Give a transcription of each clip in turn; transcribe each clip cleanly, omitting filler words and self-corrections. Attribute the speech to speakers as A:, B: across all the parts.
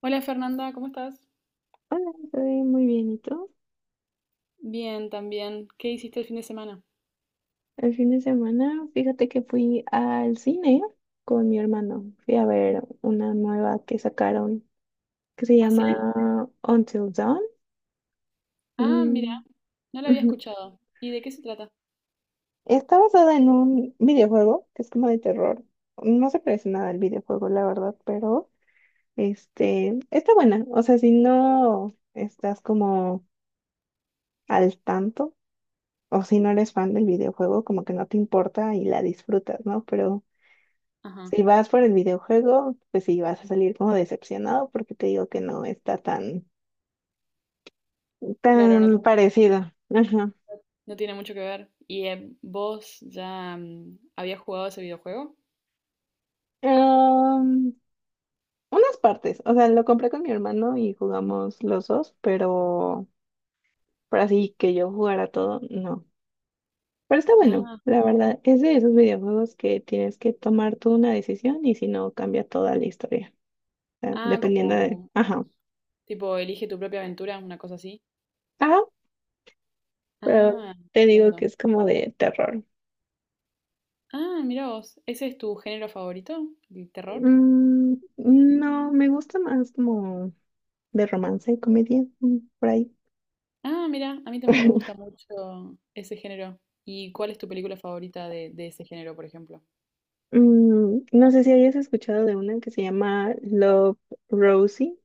A: Hola Fernanda, ¿cómo estás?
B: Hola, estoy muy bien, ¿y tú?
A: Bien, también. ¿Qué hiciste el fin de semana?
B: El fin de semana, fíjate que fui al cine con mi hermano. Fui a ver una nueva que sacaron que se
A: ¿Ah, sí?
B: llama Until Dawn.
A: Ah, mira,
B: Mm,
A: no lo había
B: ujú.
A: escuchado. ¿Y de qué se trata?
B: Está basada en un videojuego que es como de terror. No se parece nada al videojuego, la verdad, pero está buena. O sea, si no estás como al tanto o si no eres fan del videojuego, como que no te importa y la disfrutas, ¿no? Pero
A: Ajá,
B: si vas por el videojuego, pues sí vas a salir como decepcionado porque te digo que no está
A: claro, no,
B: tan parecido. Ajá.
A: no tiene mucho que ver. ¿Y vos ya habías jugado ese videojuego?
B: Am, Unas partes, o sea, lo compré con mi hermano y jugamos los dos, pero por así que yo jugara todo, no. Pero está bueno,
A: Ah,
B: la verdad, es de esos videojuegos que tienes que tomar tú una decisión y si no, cambia toda la historia, o sea,
A: ah,
B: dependiendo de...
A: como
B: Ajá,
A: tipo elige tu propia aventura, una cosa así.
B: ajá, pero
A: Ah,
B: te digo
A: entiendo.
B: que es como de terror.
A: Ah, mira vos, ¿ese es tu género favorito? ¿El terror?
B: Mm, no, me gusta más como de romance y comedia, mm, por ahí.
A: Ah, mira, a mí también me gusta mucho ese género. ¿Y cuál es tu película favorita de ese género, por ejemplo?
B: Mm, no sé si hayas escuchado de una que se llama Love Rosie.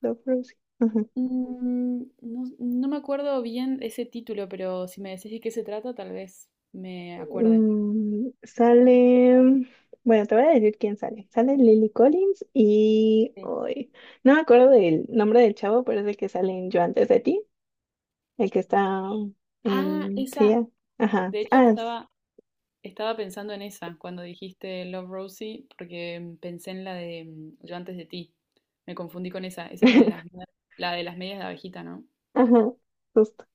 B: Love Rosie. Ajá.
A: Mm, no, no me acuerdo bien ese título, pero si me decís de qué se trata, tal vez me acuerde.
B: Mm, sale, bueno, te voy a decir quién sale. Sale Lily Collins y
A: Sí.
B: hoy no me acuerdo del nombre del chavo, pero es el que sale en Yo antes de ti, el que está
A: Ah,
B: en sí,
A: esa.
B: ah, ajá.
A: De hecho, estaba pensando en esa cuando dijiste Love Rosie, porque pensé en la de Yo antes de ti. Me confundí con esa. Esa es la de las, la de las medias de abejita, ¿no?
B: Ajá, justo.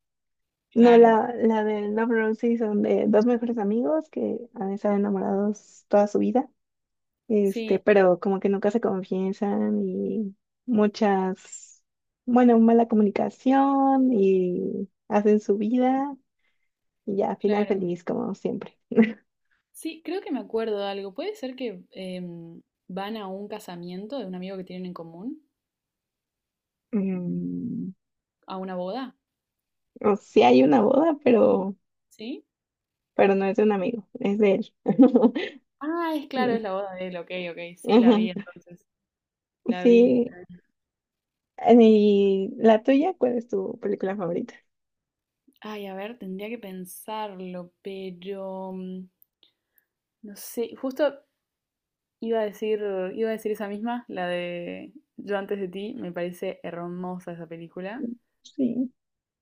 B: No,
A: Claro.
B: la de Love Rosie son de dos mejores amigos que han estado enamorados toda su vida,
A: Sí,
B: pero como que nunca se confiesan y muchas, bueno, mala comunicación y hacen su vida y ya, final
A: claro.
B: feliz como siempre.
A: Sí, creo que me acuerdo de algo. ¿Puede ser que van a un casamiento de un amigo que tienen en común?
B: Mm,
A: ¿A una boda?
B: o sí hay una boda,
A: ¿Sí?
B: pero no es de un amigo, es de él.
A: Ah, es claro,
B: Mm,
A: es la boda de él, ok, ok, sí, la vi
B: ajá.
A: entonces, la vi.
B: Sí, y la tuya, ¿cuál es tu película favorita?
A: Ay, a ver, tendría que pensarlo, pero no sé, justo iba a decir, iba a decir esa misma, la de Yo antes de ti, me parece hermosa esa película,
B: Sí.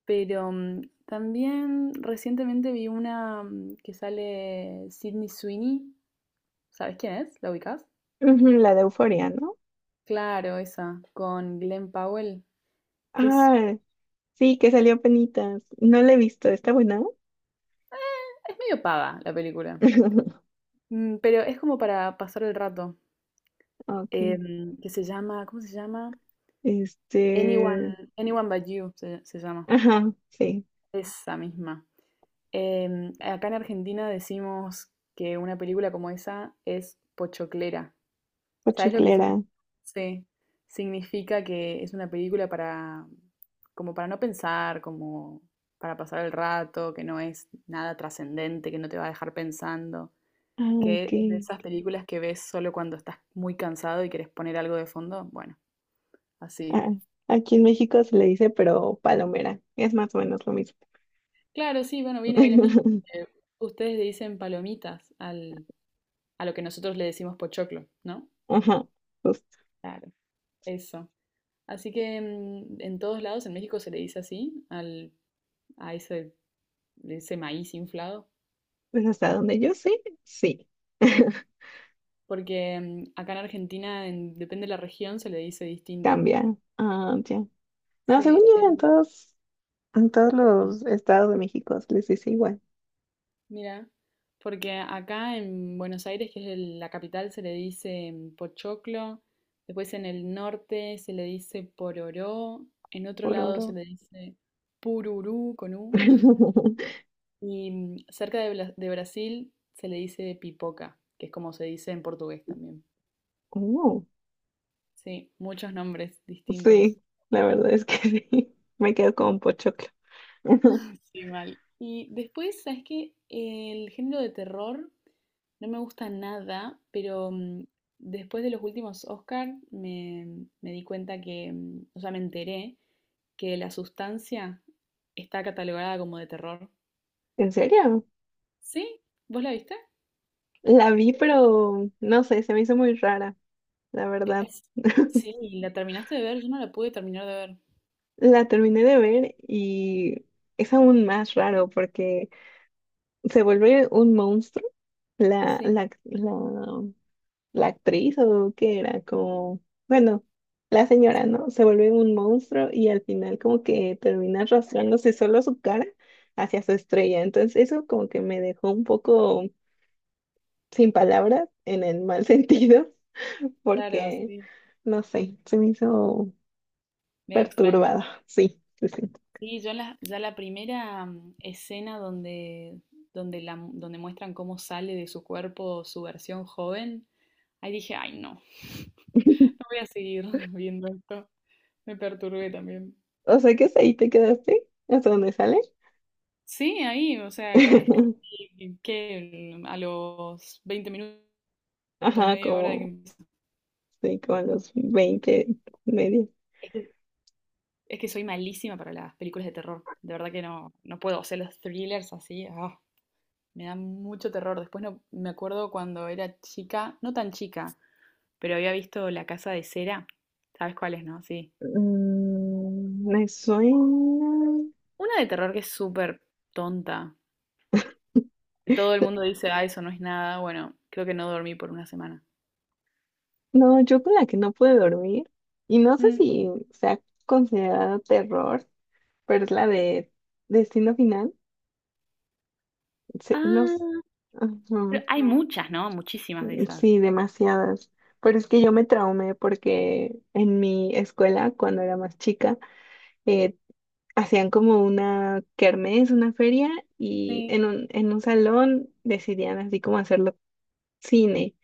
A: pero también recientemente vi una que sale Sydney Sweeney, ¿sabes quién es? ¿La ubicás?
B: Ujú, la de Euforia, ¿no?
A: Claro, esa, con Glenn Powell, que
B: Ah, sí, que salió penitas. No la he visto, ¿está buena?
A: es medio pava la película. Pero es como para pasar el rato,
B: Ok.
A: que se llama, ¿cómo se llama? Anyone,
B: Este.
A: Anyone But You se llama,
B: Ajá, sí.
A: esa misma. Acá en Argentina decimos que una película como esa es pochoclera. ¿Sabes lo que es un...
B: Pochoclera.
A: Sí, significa que es una película para, como para no pensar, como para pasar el rato, que no es nada trascendente, que no te va a dejar pensando,
B: Ah, ok.
A: que es de esas películas que ves solo cuando estás muy cansado y querés poner algo de fondo. Bueno, así.
B: Ah, aquí en México se le dice, pero palomera. Es más o menos lo mismo.
A: Claro, sí, bueno, viene de lo mismo, porque ustedes le dicen palomitas al, a lo que nosotros le decimos pochoclo, ¿no?
B: Ajá, justo.
A: Claro, eso. Así que en todos lados en México se le dice así a ese, ese maíz inflado,
B: Pues hasta donde yo sé, sí.
A: porque acá en Argentina, depende de la región, se le dice distinto.
B: Cambia. Ah, ya. No, según
A: Sí, es
B: yo, en todos los estados de México se les dice igual.
A: mira, porque acá en Buenos Aires, que es la capital, se le dice pochoclo, después en el norte se le dice pororó, en otro
B: Por
A: lado se
B: oro.
A: le dice pururú con U, y cerca de, de Brasil se le dice pipoca, que es como se dice en portugués también.
B: Oh.
A: Sí, muchos nombres distintos.
B: Sí, la verdad es que sí. Me quedo como un pochoclo.
A: Sí, mal. Y después, ¿sabes qué? El género de terror no me gusta nada, pero después de los últimos Oscar me di cuenta que, o sea, me enteré que La Sustancia está catalogada como de terror.
B: ¿En serio?
A: ¿Sí? ¿Vos la viste?
B: La vi, pero no sé, se me hizo muy rara, la
A: Que-
B: verdad.
A: es- Sí, la terminaste de ver, yo no la pude terminar de ver.
B: La terminé de ver y es aún más raro porque se vuelve un monstruo. La,
A: Sí,
B: la, la, la actriz o qué era, como, bueno, la señora, ¿no? Se vuelve un monstruo y al final como que termina arrastrándose solo su cara hacia su estrella. Entonces eso como que me dejó un poco... sin palabras, en el mal sentido,
A: claro,
B: porque,
A: sí.
B: no sé, se me hizo
A: Medio extraño.
B: perturbada. Sí, sí, sí.
A: Sí, ya la primera escena donde muestran cómo sale de su cuerpo su versión joven, ahí dije, ay no, no voy a seguir viendo esto. Me perturbé también.
B: O sea que hasta ahí te quedaste, hasta dónde sale.
A: Sí, ahí, o sea, es casi que a los 20 minutos,
B: Ajá,
A: media hora de que
B: como,
A: empieza.
B: sí, como a los 20 medio.
A: Es que, es que soy malísima para las películas de terror. De verdad que no, no puedo. O sea, los thrillers así, me dan mucho terror. Después no, me acuerdo cuando era chica, no tan chica, pero había visto La Casa de Cera. ¿Sabes cuál es, no? Sí.
B: Mm, me suena.
A: Una de terror que es súper tonta. Que todo el mundo dice, ah, eso no es nada. Bueno, creo que no dormí por una semana.
B: No, yo con la que no pude dormir, y no sé
A: Mm.
B: si sea considerada terror, pero es la de Destino Final. Sí, no, s-
A: Ah,
B: ajá.
A: pero hay muchas, ¿no? Muchísimas de esas.
B: Sí, demasiadas. Pero es que yo me traumé porque en mi escuela, cuando era más chica, eh, hacían como una kermés, una feria, y
A: Sí,
B: en en un salón decidían así como hacerlo cine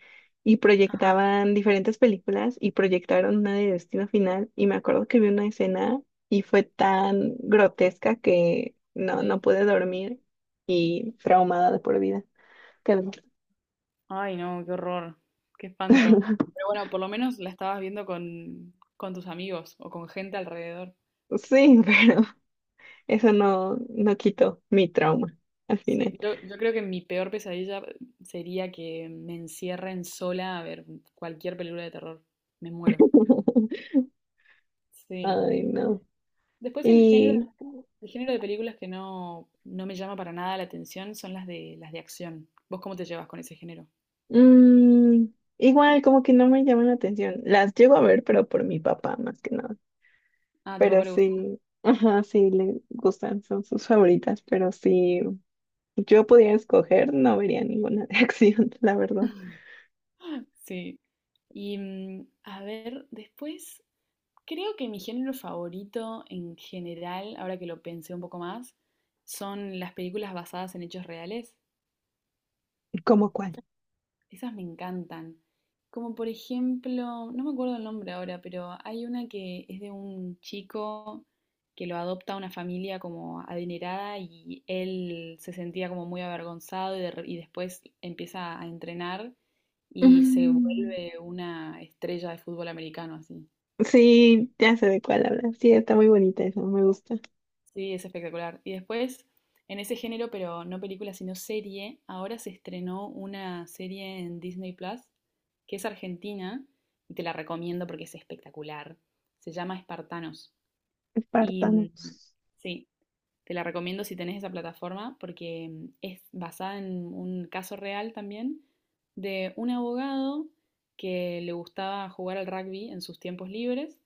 B: y
A: ajá,
B: proyectaban diferentes películas y proyectaron una de Destino Final y me acuerdo que vi una escena y fue tan grotesca que no
A: sí.
B: pude dormir y traumada de por vida. Quedé.
A: Ay, no, qué horror. Qué espanto. Pero bueno, por lo menos la estabas viendo con tus amigos o con gente alrededor.
B: Sí, pero eso no quitó mi trauma al final.
A: Sí, yo creo que mi peor pesadilla sería que me encierren sola a ver cualquier película de terror. Me muero. Sí.
B: Ay, no.
A: Después
B: Y
A: el género de películas que no, no me llama para nada la atención son las de acción. ¿Vos cómo te llevas con ese género?
B: mm, igual como que no me llaman la atención. Las llego a ver, pero por mi papá más que nada.
A: Ah, a tu
B: Pero
A: papá le gusta.
B: sí, ajá, sí le gustan, son sus favoritas, pero sí. Yo pudiera escoger, no vería ninguna de acción, la verdad.
A: Sí. Y a ver, después, creo que mi género favorito en general, ahora que lo pensé un poco más, son las películas basadas en hechos reales.
B: ¿Cómo cuál?
A: Esas me encantan. Como por ejemplo, no me acuerdo el nombre ahora, pero hay una que es de un chico que lo adopta una familia como adinerada y él se sentía como muy avergonzado y después empieza a entrenar y se
B: Mm,
A: vuelve una estrella de fútbol americano así.
B: sí, ya sé de cuál habla. Sí, está muy bonita esa, me gusta.
A: Sí, es espectacular. Y después, en ese género, pero no película, sino serie, ahora se estrenó una serie en Disney Plus, que es argentina, y te la recomiendo porque es espectacular. Se llama Espartanos. Y
B: Espartanos.
A: sí, te la recomiendo si tenés esa plataforma porque es basada en un caso real también de un abogado que le gustaba jugar al rugby en sus tiempos libres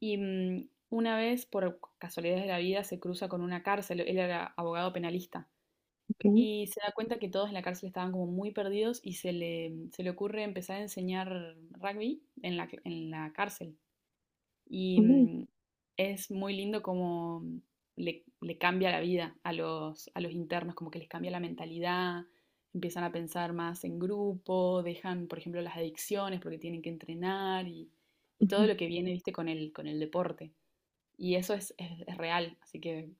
A: y una vez por casualidades de la vida se cruza con una cárcel, él era abogado penalista
B: Ok.
A: y se da cuenta que todos en la cárcel estaban como muy perdidos y se le ocurre empezar a enseñar rugby en la cárcel. Y
B: Mm,
A: es muy lindo cómo le cambia la vida a los internos, como que les cambia la mentalidad, empiezan a pensar más en grupo, dejan, por ejemplo, las adicciones porque tienen que entrenar y todo
B: ujú.
A: lo que viene, viste, con el deporte. Y eso es real, así que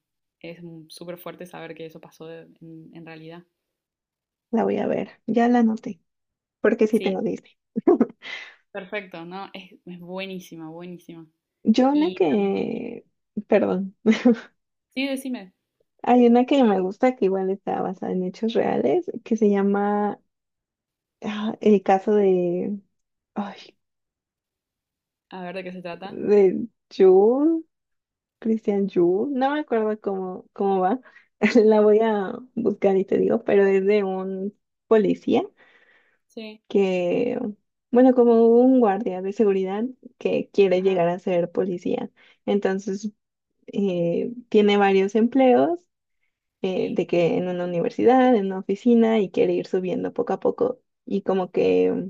A: es súper fuerte saber que eso pasó en realidad.
B: La voy a ver, ya la anoté, porque sí
A: Sí,
B: tengo Disney.
A: perfecto, ¿no? Es buenísima, buenísima.
B: Yo una
A: Y
B: que, perdón,
A: sí, decime,
B: hay una que me gusta que igual está basada en hechos reales, que se
A: ujú.
B: llama El caso de, ay,
A: A ver de qué se trata.
B: de Jules, Christian Jules, no me acuerdo cómo va, la
A: Mm,
B: voy a buscar y te digo, pero es de un policía
A: sí.
B: que, bueno, como un guardia de seguridad que quiere
A: Ajá,
B: llegar a ser policía. Entonces tiene varios empleos,
A: sí,
B: de que en una universidad, en una oficina y quiere ir subiendo poco a poco y como que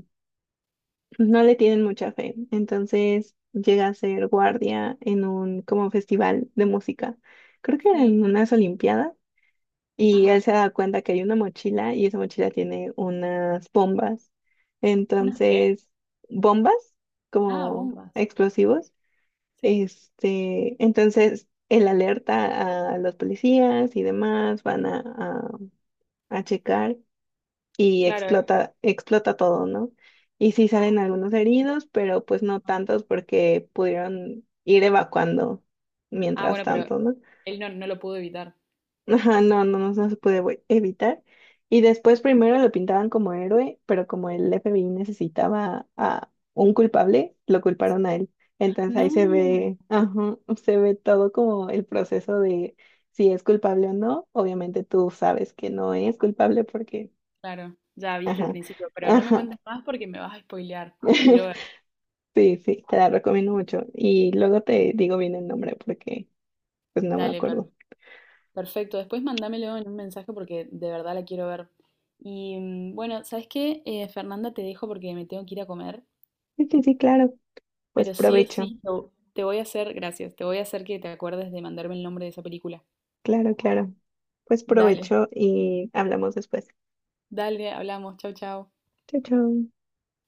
B: no le tienen mucha fe. Entonces llega a ser guardia en un como festival de música. Creo que era
A: sí,
B: en unas olimpiadas y él
A: ajá.
B: se da cuenta que hay una mochila y esa mochila tiene unas bombas.
A: ¿Unas qué?
B: Entonces, bombas
A: Ah,
B: como
A: bombas.
B: explosivos
A: Sí,
B: entonces, el alerta a los policías y demás van a, a checar y
A: claro.
B: explota, explota todo, ¿no? Y sí salen algunos heridos, pero pues no
A: Ah,
B: tantos porque pudieron ir evacuando
A: ah,
B: mientras
A: bueno, pero
B: tanto, ¿no?
A: él no, no lo pudo evitar.
B: Ajá, no, no, no, no se puede evitar. Y después primero lo pintaban como héroe, pero como el FBI necesitaba a un culpable, lo culparon
A: Sí.
B: a él. Entonces ahí se
A: No,
B: ve, ajá, se ve todo como el proceso de si es culpable o no. Obviamente tú sabes que no es culpable porque,
A: claro, ya viste el
B: ajá,
A: principio, pero no me
B: ajá.
A: cuentes más porque me vas a spoilear. La quiero ver.
B: Sí, sí, te la recomiendo mucho. Y luego te digo bien el nombre porque pues no me
A: Dale,
B: acuerdo.
A: perfecto. Después mándamelo en un mensaje porque de verdad la quiero ver. Y bueno, ¿sabes qué? Fernanda, te dejo porque me tengo que ir a comer,
B: Sí, sí, sí, claro, pues
A: pero sí o
B: provecho.
A: sí, te voy a hacer, gracias, te voy a hacer que te acuerdes de mandarme el nombre de esa película.
B: Claro, claro. Pues
A: Dale.
B: provecho y hablamos después.
A: Dale, hablamos. Chau, chau.
B: Chau, chau.